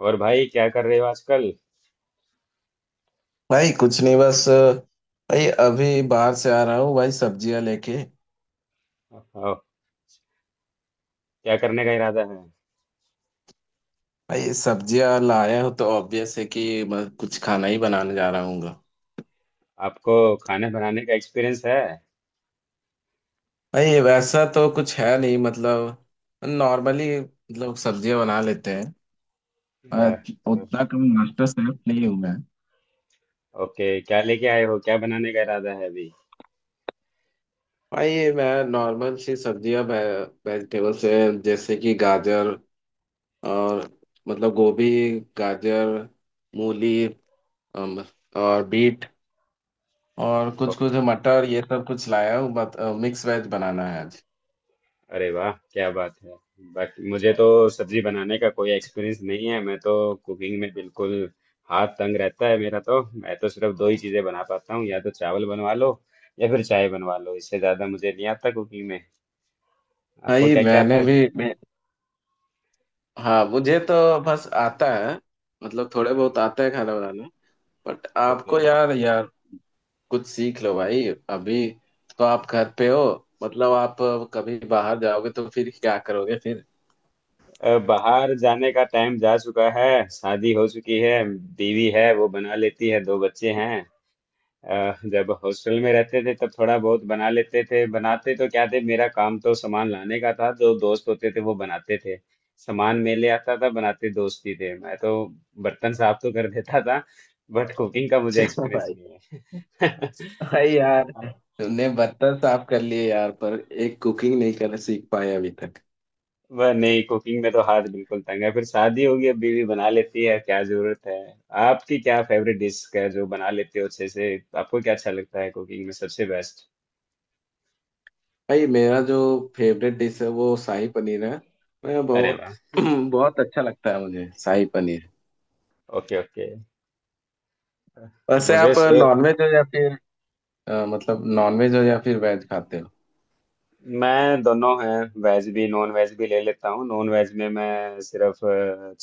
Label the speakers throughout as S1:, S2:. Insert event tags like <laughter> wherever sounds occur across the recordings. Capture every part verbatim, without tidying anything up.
S1: और भाई क्या कर रहे हो आजकल।
S2: भाई कुछ नहीं, बस भाई अभी बाहर से आ रहा हूँ भाई, सब्जियां लेके।
S1: और क्या करने का इरादा है?
S2: भाई सब्जियां लाया हूँ तो ऑब्वियस है कि मैं कुछ खाना ही बनाने जा रहा हूँ।
S1: आपको खाना बनाने का एक्सपीरियंस है?
S2: भाई वैसा तो कुछ है नहीं, मतलब नॉर्मली मतलब सब्जियां बना लेते हैं। मैं
S1: अ,
S2: उतना कम मास्टर शेफ नहीं हूँ मैं।
S1: ओके, क्या लेके आए हो, क्या बनाने का इरादा है अभी?
S2: भाई मैं नॉर्मल सी सब्जियां, वेजिटेबल्स से, जैसे कि गाजर और मतलब गोभी, गाजर, मूली, अम, और बीट और कुछ
S1: ओके।
S2: कुछ मटर, ये सब कुछ लाया हूँ। बट मिक्स वेज बनाना है आज।
S1: अरे वाह, क्या बात है। बाकी मुझे तो सब्जी बनाने का कोई एक्सपीरियंस नहीं है। मैं तो कुकिंग में बिल्कुल हाथ तंग रहता है मेरा। तो मैं तो सिर्फ दो ही चीजें बना पाता हूँ, या तो चावल बनवा लो या फिर चाय बनवा लो। इससे ज्यादा मुझे नहीं आता कुकिंग में। आपको
S2: भाई
S1: क्या क्या आता
S2: मैंने
S1: है?
S2: भी मैं, हाँ, मुझे तो बस आता है, मतलब थोड़े बहुत आता है खाना बनाना। But
S1: okay.
S2: आपको यार, यार कुछ सीख लो भाई। अभी तो आप घर पे हो, मतलब आप कभी बाहर जाओगे तो फिर क्या करोगे फिर।
S1: अ, बाहर जाने का टाइम जा चुका है, शादी हो चुकी है, बीवी है, वो बना लेती है, दो बच्चे हैं। अ, जब हॉस्टल में रहते थे तब थोड़ा बहुत बना लेते थे। बनाते तो क्या थे, मेरा काम तो सामान लाने का था, जो दोस्त होते थे वो बनाते थे। सामान मैं ले आता था, बनाते दोस्त ही थे, मैं तो बर्तन साफ तो कर देता था, बट कुकिंग का
S2: <laughs>
S1: मुझे
S2: चलो
S1: एक्सपीरियंस
S2: भाई।
S1: नहीं
S2: भाई यार,
S1: है। <laughs>
S2: तुमने बर्तन साफ कर लिए यार, पर एक कुकिंग नहीं करना सीख पाए अभी तक।
S1: वह नहीं, कुकिंग में तो हाथ बिल्कुल तंग है। फिर शादी होगी, अब बीवी बना लेती है, क्या जरूरत है। आपकी क्या फेवरेट डिश है जो बना लेते हो अच्छे से? आपको क्या अच्छा लगता है कुकिंग में सबसे बेस्ट?
S2: भाई मेरा जो फेवरेट डिश है वो शाही पनीर है। मैं
S1: अरे
S2: बहुत
S1: वाह।
S2: <clears throat> बहुत अच्छा लगता है मुझे शाही पनीर।
S1: Okay okay.
S2: वैसे
S1: मुझे
S2: आप
S1: सेव,
S2: नॉनवेज हो या फिर अ, मतलब नॉनवेज हो या फिर वेज खाते हो।
S1: मैं दोनों हैं, वेज भी नॉन वेज भी ले लेता हूँ। नॉन वेज में मैं सिर्फ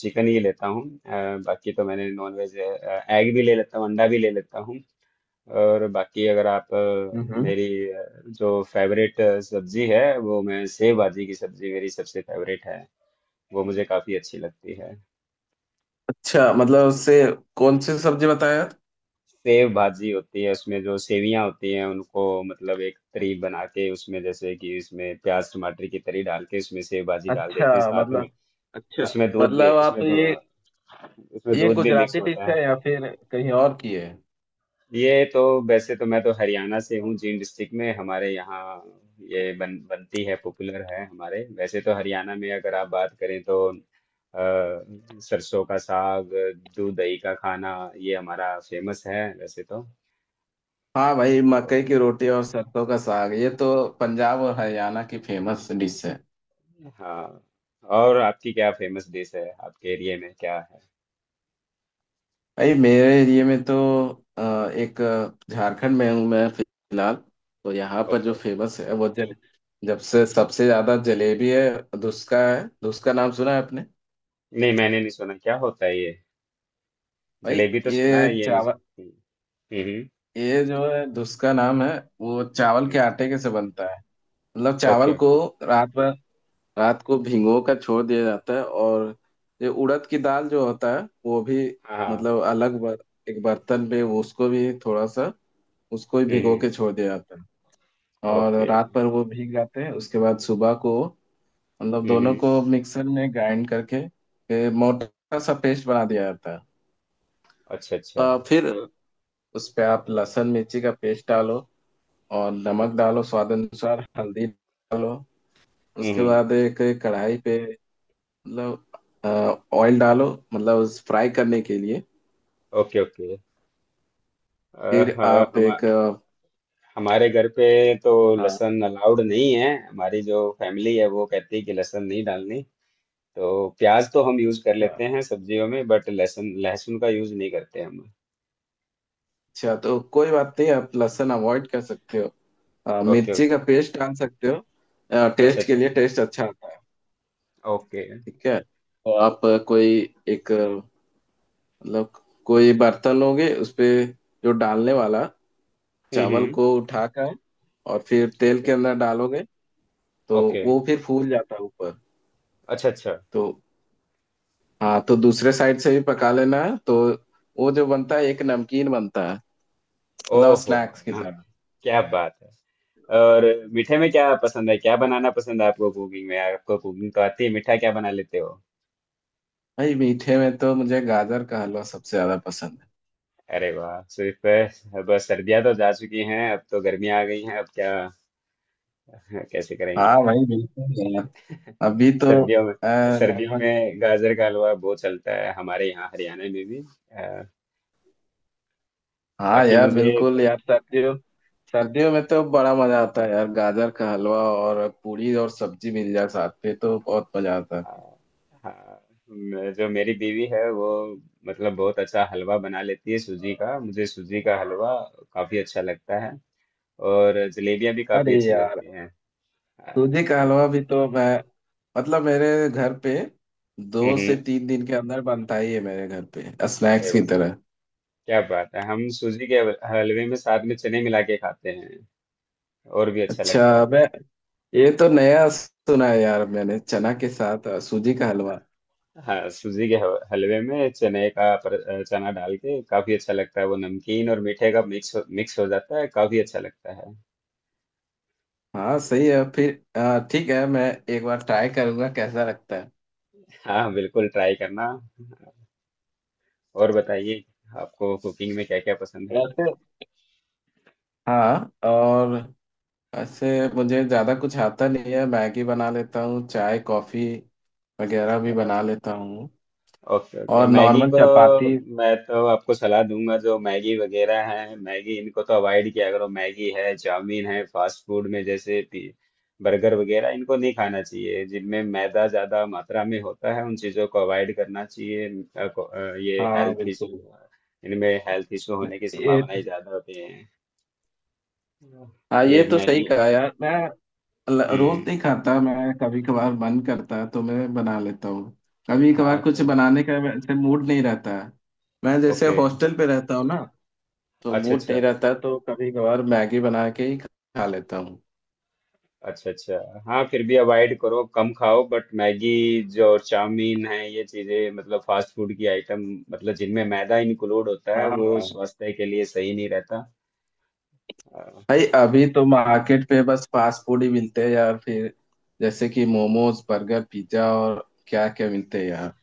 S1: चिकन ही लेता हूँ। अ, बाकी तो मैंने नॉन वेज एग भी ले लेता हूँ, अंडा भी ले लेता हूँ। और बाकी अगर आप अ,
S2: हम्म।
S1: मेरी अ, जो फेवरेट सब्जी है वो मैं, सेव भाजी की सब्जी मेरी सबसे फेवरेट है। वो मुझे काफी अच्छी लगती है।
S2: अच्छा, मतलब उससे कौन सी सब्जी बताया।
S1: सेव भाजी होती है, उसमें जो सेवियां होती हैं उनको मतलब एक तरी बना के, उसमें जैसे कि उसमें प्याज टमाटर की तरी डाल के उसमें सेव भाजी डाल देते हैं
S2: अच्छा,
S1: साथ में।
S2: मतलब अच्छा,
S1: उसमें दूध भी
S2: मतलब आप
S1: उसमें दू,
S2: ये
S1: उसमें
S2: ये
S1: दूध भी मिक्स
S2: गुजराती डिश
S1: होता है।
S2: है या फिर कहीं और की है।
S1: ये तो, वैसे तो मैं तो हरियाणा से हूँ, जींद डिस्ट्रिक्ट में हमारे यहाँ ये बन बनती है, पॉपुलर है हमारे। वैसे तो हरियाणा में अगर आप बात करें तो अ, सरसों का साग, दूध दही का खाना, ये हमारा फेमस है वैसे तो।
S2: हाँ भाई,
S1: ओ,
S2: मकई की रोटी और सरसों का साग, ये तो पंजाब और हरियाणा की फेमस डिश है।
S1: हाँ। और आपकी क्या फेमस डिश है, आपके एरिया में क्या है?
S2: भाई मेरे एरिया में तो अ, एक अ, झारखंड में हूँ मैं फिलहाल, तो यहाँ पर
S1: ओके
S2: जो
S1: ओके।
S2: फेमस है वो जल जब से सबसे ज्यादा जलेबी है, धुसका है। धुसका नाम सुना है आपने।
S1: नहीं, मैंने नहीं सुना, क्या होता है ये?
S2: भाई
S1: जलेबी तो सुना
S2: ये
S1: है, ये नहीं
S2: चावल,
S1: सुन- हम्म हम्म।
S2: ये जो है धुसका नाम है, वो चावल के
S1: हम्म,
S2: आटे के से बनता है। मतलब
S1: ओके
S2: चावल को
S1: ओके।
S2: रात भर, रात को भिगो कर छोड़ दिया जाता है, और ये उड़द की दाल जो होता है वो भी,
S1: हाँ हाँ,
S2: मतलब अलग बर, एक बर्तन पे वो, उसको भी थोड़ा सा, उसको भी भिगो
S1: हम्म।
S2: के छोड़ दिया जाता है। और
S1: ओके।
S2: रात पर वो भीग जाते हैं, उसके बाद सुबह को मतलब
S1: हम्म
S2: दोनों
S1: हम्म।
S2: को मिक्सर में ग्राइंड करके ए, मोटा सा पेस्ट बना दिया जाता है।
S1: अच्छा अच्छा।
S2: अ, फिर उस पे आप लहसुन मिर्ची का पेस्ट डालो और नमक
S1: अच्छा।
S2: डालो, स्वाद अनुसार हल्दी डालो। उसके
S1: हम्म।
S2: बाद एक कढ़ाई पे मतलब ऑयल डालो, मतलब उस फ्राई करने के लिए।
S1: Okay okay. अ,
S2: फिर
S1: हाँ,
S2: आप
S1: हम,
S2: एक, अ,
S1: हमारे घर पे तो
S2: हाँ,
S1: लहसुन अलाउड नहीं है। हमारी जो फैमिली है वो कहती है कि लहसुन नहीं डालनी, तो प्याज तो हम यूज कर
S2: अच्छा
S1: लेते हैं सब्जियों में, बट लहसुन लहसुन का यूज नहीं करते हम।
S2: अच्छा, तो कोई बात नहीं, आप लहसुन अवॉइड कर सकते हो। अ,
S1: ओके
S2: मिर्ची का
S1: ओके।
S2: पेस्ट डाल सकते हो। अ,
S1: अच्छा
S2: टेस्ट के
S1: अच्छा।
S2: लिए टेस्ट अच्छा आता है।
S1: ओके।
S2: ठीक है, तो आप अ, कोई एक, अ, मतलब कोई बर्तन लोगे उस पे, जो डालने वाला
S1: हम्म
S2: चावल
S1: हम्म।
S2: को उठाकर और फिर तेल
S1: ओके
S2: के अंदर डालोगे। तो
S1: ओके।
S2: वो फिर फूल जाता है ऊपर।
S1: अच्छा अच्छा।
S2: तो हाँ, तो दूसरे साइड से भी पका लेना है। तो वो जो बनता है, एक नमकीन बनता है, मतलब
S1: ओहो, हो
S2: स्नैक्स की
S1: ना,
S2: तरह।
S1: क्या बात है। और मीठे में क्या पसंद है, क्या बनाना पसंद है आपको कुकिंग में? आपको कुकिंग तो आती है, मीठा क्या बना लेते हो?
S2: भाई मीठे में तो मुझे गाजर का हलवा सबसे ज्यादा पसंद है।
S1: अरे वाह। सिर्फ अ, बस, सर्दियां तो जा चुकी हैं, अब तो गर्मियां आ गई हैं, अब क्या <laughs> कैसे
S2: हाँ
S1: करेंगे?
S2: भाई बिल्कुल यार, अभी तो
S1: सर्दियों
S2: अ,
S1: में सर्दियों
S2: लगभग,
S1: में गाजर का हलवा बहुत चलता है हमारे यहाँ हरियाणा में भी। अ,
S2: हाँ
S1: बाकी
S2: यार
S1: मुझे
S2: बिल्कुल
S1: तो
S2: यार, सर्दियों सर्दियों में तो बड़ा मजा आता है यार, गाजर का हलवा और पूड़ी और सब्जी मिल जाए साथ में तो बहुत मजा आता है।
S1: अ, हाँ, मैं- जो मेरी बीवी है वो मतलब बहुत अच्छा हलवा बना लेती है सूजी का। मुझे सूजी का हलवा काफी अच्छा लगता है। और जलेबियां भी
S2: अरे
S1: काफी अच्छी
S2: यार,
S1: लगती हैं। अ,
S2: सूजी का
S1: हम्म
S2: हलवा भी तो मैं मतलब मेरे घर पे दो से
S1: हम्म,
S2: तीन दिन के अंदर बनता ही है मेरे घर पे,
S1: अरे
S2: स्नैक्स की तरह।
S1: क्या बात है। हम सूजी के हल- हलवे में साथ में चने मिला के खाते हैं, और भी अच्छा लगता है।
S2: अच्छा, मैं, ये तो नया सुना है यार मैंने, चना के साथ अ, सूजी का हलवा।
S1: हाँ, सूजी के ह- हलवे में चने का पर, चना डाल के काफी अच्छा लगता है। वो नमकीन और मीठे का मिक्स हो, मिक्स हो जाता है, काफी अच्छा लगता है।
S2: हाँ सही है फिर, अ, ठीक है, मैं एक बार ट्राई करूंगा कैसा लगता है।
S1: हाँ बिल्कुल, ट्राई करना। और बताइए, आपको कुकिंग में क्या क्या पसंद
S2: वैसे हाँ, और ऐसे मुझे ज़्यादा कुछ आता नहीं है, मैगी बना लेता हूँ, चाय कॉफ़ी वगैरह भी
S1: है?
S2: बना लेता हूँ,
S1: ओके ओके।
S2: और
S1: मैगी
S2: नॉर्मल
S1: को,
S2: चपाती।
S1: मैं तो आपको सलाह दूंगा, जो मैगी वगैरह है, मैगी, इनको तो अवॉइड किया करो। मैगी है, चाउमीन है, फास्ट फूड में जैसे पी- बर्गर वगैरह, इनको नहीं खाना चाहिए। जिनमें मैदा ज्यादा मात्रा में होता है उन चीजों को अवॉइड करना चाहिए। अ, को- अ, ये
S2: हाँ
S1: हेल्थ इशू,
S2: बिल्कुल,
S1: इनमें हेल्थ इशू होने की
S2: ये
S1: संभावनाएं
S2: तो
S1: ज्यादा होती है।
S2: हाँ, ये
S1: ये
S2: तो सही
S1: मैगी।
S2: कहा यार। मैं ल- रोज नहीं
S1: हम्म।
S2: खाता मैं, कभी कभार मन करता है तो मैं बना लेता हूँ। कभी कभार
S1: हाँ
S2: कुछ
S1: क्यों?
S2: बनाने का वैसे मूड नहीं रहता है। मैं जैसे
S1: ओके।
S2: हॉस्टल पे रहता हूँ ना, तो
S1: अच्छा
S2: मूड
S1: अच्छा।
S2: नहीं रहता, तो कभी कभार मैगी बना के ही खा लेता हूँ।
S1: अच्छा अच्छा, हाँ, फिर भी अवॉइड करो, कम खाओ। बट मैगी जो और चाउमीन है, ये चीजें मतलब फास्ट फूड की आइटम, मतलब जिनमें मैदा इंक्लूड होता
S2: हाँ
S1: है, वो
S2: हाँ।
S1: स्वास्थ्य के लिए सही नहीं रहता। अ,
S2: भाई अभी तो मार्केट पे बस फास्ट फूड ही मिलते हैं यार फिर, जैसे कि मोमोज, बर्गर, पिज्जा, और क्या क्या मिलते हैं यार।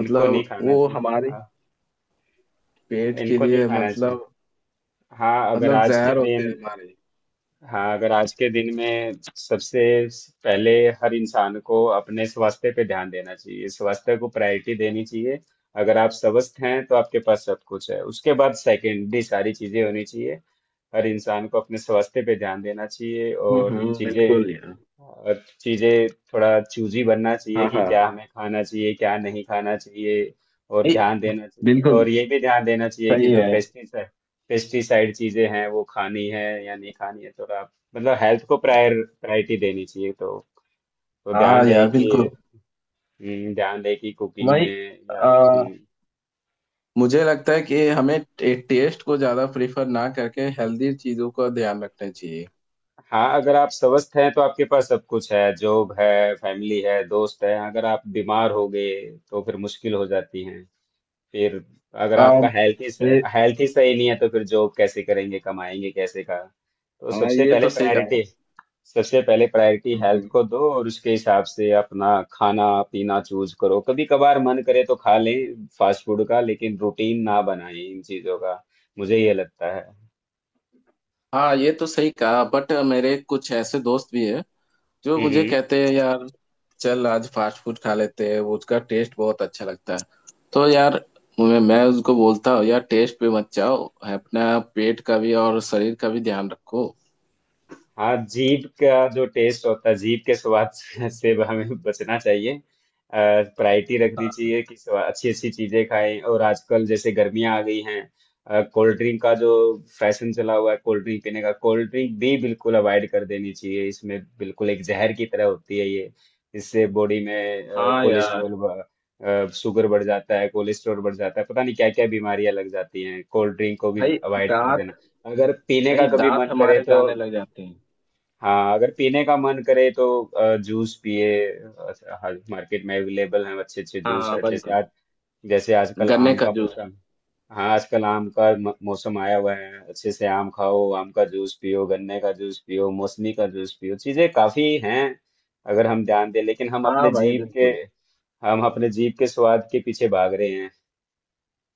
S1: इनको नहीं खाना
S2: वो
S1: चाहिए।
S2: हमारे
S1: हाँ,
S2: पेट के
S1: इनको नहीं
S2: लिए
S1: खाना चाहिए।
S2: मतलब,
S1: हाँ अगर
S2: मतलब
S1: आज के
S2: जहर होते
S1: दिन
S2: हैं हमारे।
S1: हाँ, अगर आज के दिन में सबसे पहले हर इंसान को अपने स्वास्थ्य पे ध्यान देना चाहिए, स्वास्थ्य को प्रायोरिटी देनी चाहिए। अगर आप स्वस्थ हैं तो आपके पास सब कुछ है। उसके बाद सेकेंडरी सारी चीजें होनी चाहिए। हर इंसान को अपने स्वास्थ्य पे ध्यान देना चाहिए।
S2: हम्म
S1: और
S2: हम्म,
S1: चीजें
S2: बिल्कुल यार।
S1: और चीजें थोड़ा चूजी बनना चाहिए
S2: हाँ
S1: कि
S2: हाँ।
S1: क्या हमें खाना चाहिए क्या नहीं खाना चाहिए, और
S2: ए,
S1: ध्यान देना चाहिए।
S2: बिल्कुल,
S1: और ये भी ध्यान देना चाहिए कि
S2: सही
S1: जो
S2: है।
S1: पेस्टिसाइड पेस्टिसाइड चीजें हैं वो खानी है या नहीं खानी है, थोड़ा मतलब हेल्थ को प्रायर प्रायोरिटी देनी चाहिए। तो तो
S2: हाँ
S1: ध्यान रहे
S2: यार
S1: कि
S2: बिल्कुल।
S1: हम्म, ध्यान रहे कि कुकिंग
S2: भाई
S1: में या, हम्म,
S2: आ, मुझे लगता है कि हमें टे, टेस्ट को ज्यादा प्रेफर ना करके हेल्दी चीजों का ध्यान रखना चाहिए।
S1: हाँ, अगर आप स्वस्थ हैं तो आपके पास सब कुछ है, जॉब है, फैमिली है, दोस्त है। अगर आप बीमार हो गए तो फिर मुश्किल हो जाती है। फिर अगर
S2: आ,
S1: आपका हेल्थ ही
S2: ये,
S1: हेल्थ ही सही नहीं है तो फिर जॉब कैसे करेंगे, कमाएंगे कैसे का। तो
S2: हाँ,
S1: सबसे
S2: ये
S1: पहले
S2: तो सही कहा है।
S1: प्रायोरिटी सबसे पहले प्रायोरिटी
S2: हम्म
S1: हेल्थ
S2: हम्म।
S1: को दो और उसके हिसाब से अपना खाना पीना चूज करो। कभी कभार मन करे तो खा लें फास्ट फूड का, लेकिन रूटीन ना बनाएं इन चीजों का। मुझे ये लगता है।
S2: हाँ ये तो सही कहा, बट मेरे कुछ ऐसे दोस्त भी हैं जो मुझे
S1: हम्म।
S2: कहते हैं यार, चल आज फास्ट फूड खा लेते हैं, वो उसका टेस्ट बहुत अच्छा लगता है। तो यार मैं मैं उसको बोलता हूँ यार, टेस्ट पे मत जाओ, अपना पेट का भी और शरीर का भी ध्यान रखो।
S1: हाँ, जीभ का जो टेस्ट होता है, जीभ के स्वाद <laughs> से से हमें बचना चाहिए। प्रायोरिटी रखनी चाहिए कि अच्छी अच्छी चीजें खाएं। और आजकल जैसे गर्मियां आ गई हैं, कोल्ड ड्रिंक का जो फैशन चला हुआ है, कोल्ड ड्रिंक पीने का, कोल्ड ड्रिंक भी बिल्कुल अवॉइड कर देनी चाहिए। इसमें बिल्कुल एक जहर की तरह होती है ये। इससे बॉडी में
S2: हाँ यार।
S1: कोलेस्ट्रॉल, शुगर बढ़ जाता है, कोलेस्ट्रॉल बढ़ जाता है, पता नहीं क्या क्या बीमारियां लग जाती हैं। कोल्ड ड्रिंक को भी
S2: भाई
S1: अवॉइड कर देना।
S2: दांत,
S1: अगर पीने का
S2: भाई
S1: कभी
S2: दांत
S1: मन करे
S2: हमारे
S1: तो
S2: जाने लग जाते हैं।
S1: हाँ, अगर पीने का मन करे तो अ, जूस पिए। अ, हाँ, मार्केट में अवेलेबल हैं अच्छे अच्छे जूस।
S2: हाँ
S1: जैसे
S2: बिल्कुल,
S1: आज जैसे आजकल
S2: गन्ने
S1: आम
S2: का
S1: का
S2: जूस।
S1: मौसम, हाँ, आजकल आम का म- मौसम आया हुआ है, अच्छे से आम खाओ, आम का जूस पियो, गन्ने का जूस पियो, मौसमी का जूस पियो, चीजें काफी हैं अगर हम ध्यान दें। लेकिन हम
S2: हाँ
S1: अपने
S2: भाई
S1: जीभ के
S2: बिल्कुल,
S1: हम अपने जीभ के स्वाद के पीछे भाग रहे हैं।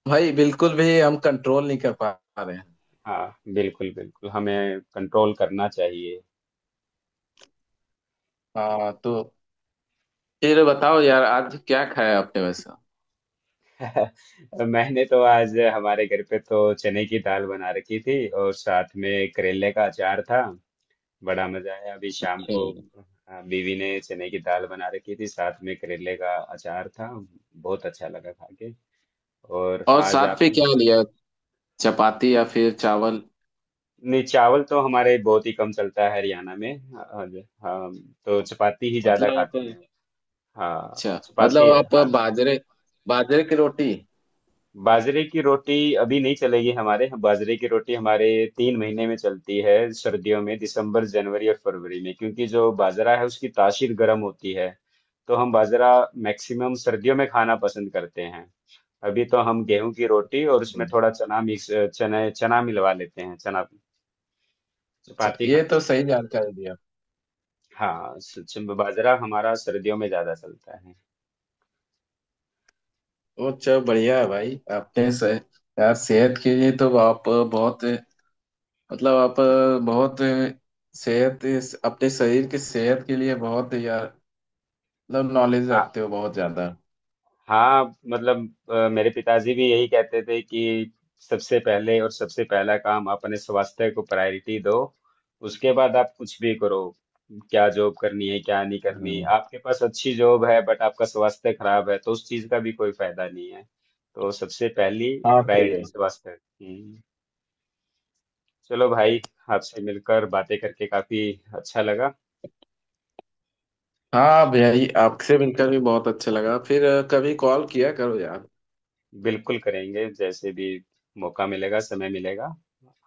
S2: भाई बिल्कुल भी हम कंट्रोल नहीं कर पा रहे हैं।
S1: हाँ बिल्कुल, बिल्कुल, हमें कंट्रोल करना चाहिए।
S2: हाँ, तो फिर बताओ यार, आज क्या खाया आपने वैसे।
S1: <laughs> मैंने तो आज हमारे घर पे तो चने की दाल बना रखी थी और साथ में करेले का अचार था। बड़ा मजा आया। अभी शाम
S2: अच्छा,
S1: को अ, बीवी ने चने की दाल बना रखी थी, साथ में करेले का अचार था, बहुत अच्छा लगा खा के। और
S2: और
S1: आज
S2: साथ पे
S1: आपने?
S2: क्या लिया, चपाती या फिर चावल।
S1: नहीं, चावल तो हमारे बहुत ही कम चलता है हरियाणा में। हाँ, हाँ, तो चपाती ही ज्यादा
S2: मतलब आप,
S1: खाते हैं। हाँ,
S2: अच्छा मतलब
S1: चपाती
S2: आप
S1: हाँ।
S2: बाजरे, बाजरे की रोटी।
S1: बाजरे की रोटी अभी नहीं चलेगी हमारे यहाँ। बाजरे की रोटी हमारे तीन महीने में चलती है सर्दियों में, दिसंबर, जनवरी और फरवरी में, क्योंकि जो बाजरा है उसकी तासीर गर्म होती है, तो हम बाजरा मैक्सिमम सर्दियों में खाना पसंद करते हैं। अभी तो हम गेहूं की रोटी और उसमें
S2: हम्म,
S1: थोड़ा चना मिक्स, चने चना मिलवा लेते हैं, चना
S2: अच्छा,
S1: चपाती
S2: ये तो
S1: खाते हैं।
S2: सही जानकारी दी आप।
S1: हाँ, स- च- बाजरा हमारा सर्दियों में ज्यादा चलता है।
S2: तो अच्छा, बढ़िया है भाई। आपने सह, यार सेहत के लिए तो आप बहुत मतलब आप बहुत सेहत, अपने शरीर की सेहत के लिए बहुत यार, मतलब नॉलेज
S1: हाँ,
S2: रखते हो बहुत ज्यादा।
S1: हाँ मतलब, अ, मेरे पिताजी भी यही कहते थे कि सबसे पहले और सबसे पहला काम आप अपने स्वास्थ्य को प्रायोरिटी दो, उसके बाद आप कुछ भी करो। क्या जॉब करनी है क्या नहीं करनी,
S2: हम्म,
S1: आपके पास अच्छी जॉब है बट आपका स्वास्थ्य खराब है तो उस चीज का भी कोई फायदा नहीं है। तो सबसे पहली
S2: हाँ सही है।
S1: प्रायोरिटी स्वास्थ्य। हम्म। चलो भाई, आपसे मिलकर बातें करके काफी अच्छा लगा।
S2: हाँ भाई, आपसे मिलकर भी बहुत अच्छा लगा। फिर अ, कभी कॉल किया करो यार।
S1: बिल्कुल करेंगे, जैसे भी मौका मिलेगा, समय मिलेगा,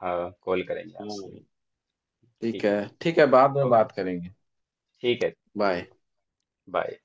S1: हाँ, कॉल करेंगे आपसे।
S2: हाँ ठीक
S1: ठीक
S2: है।
S1: है।
S2: ठीक है, बाद में
S1: ओके।
S2: बात करेंगे।
S1: ठीक है।
S2: बाय।
S1: बाय।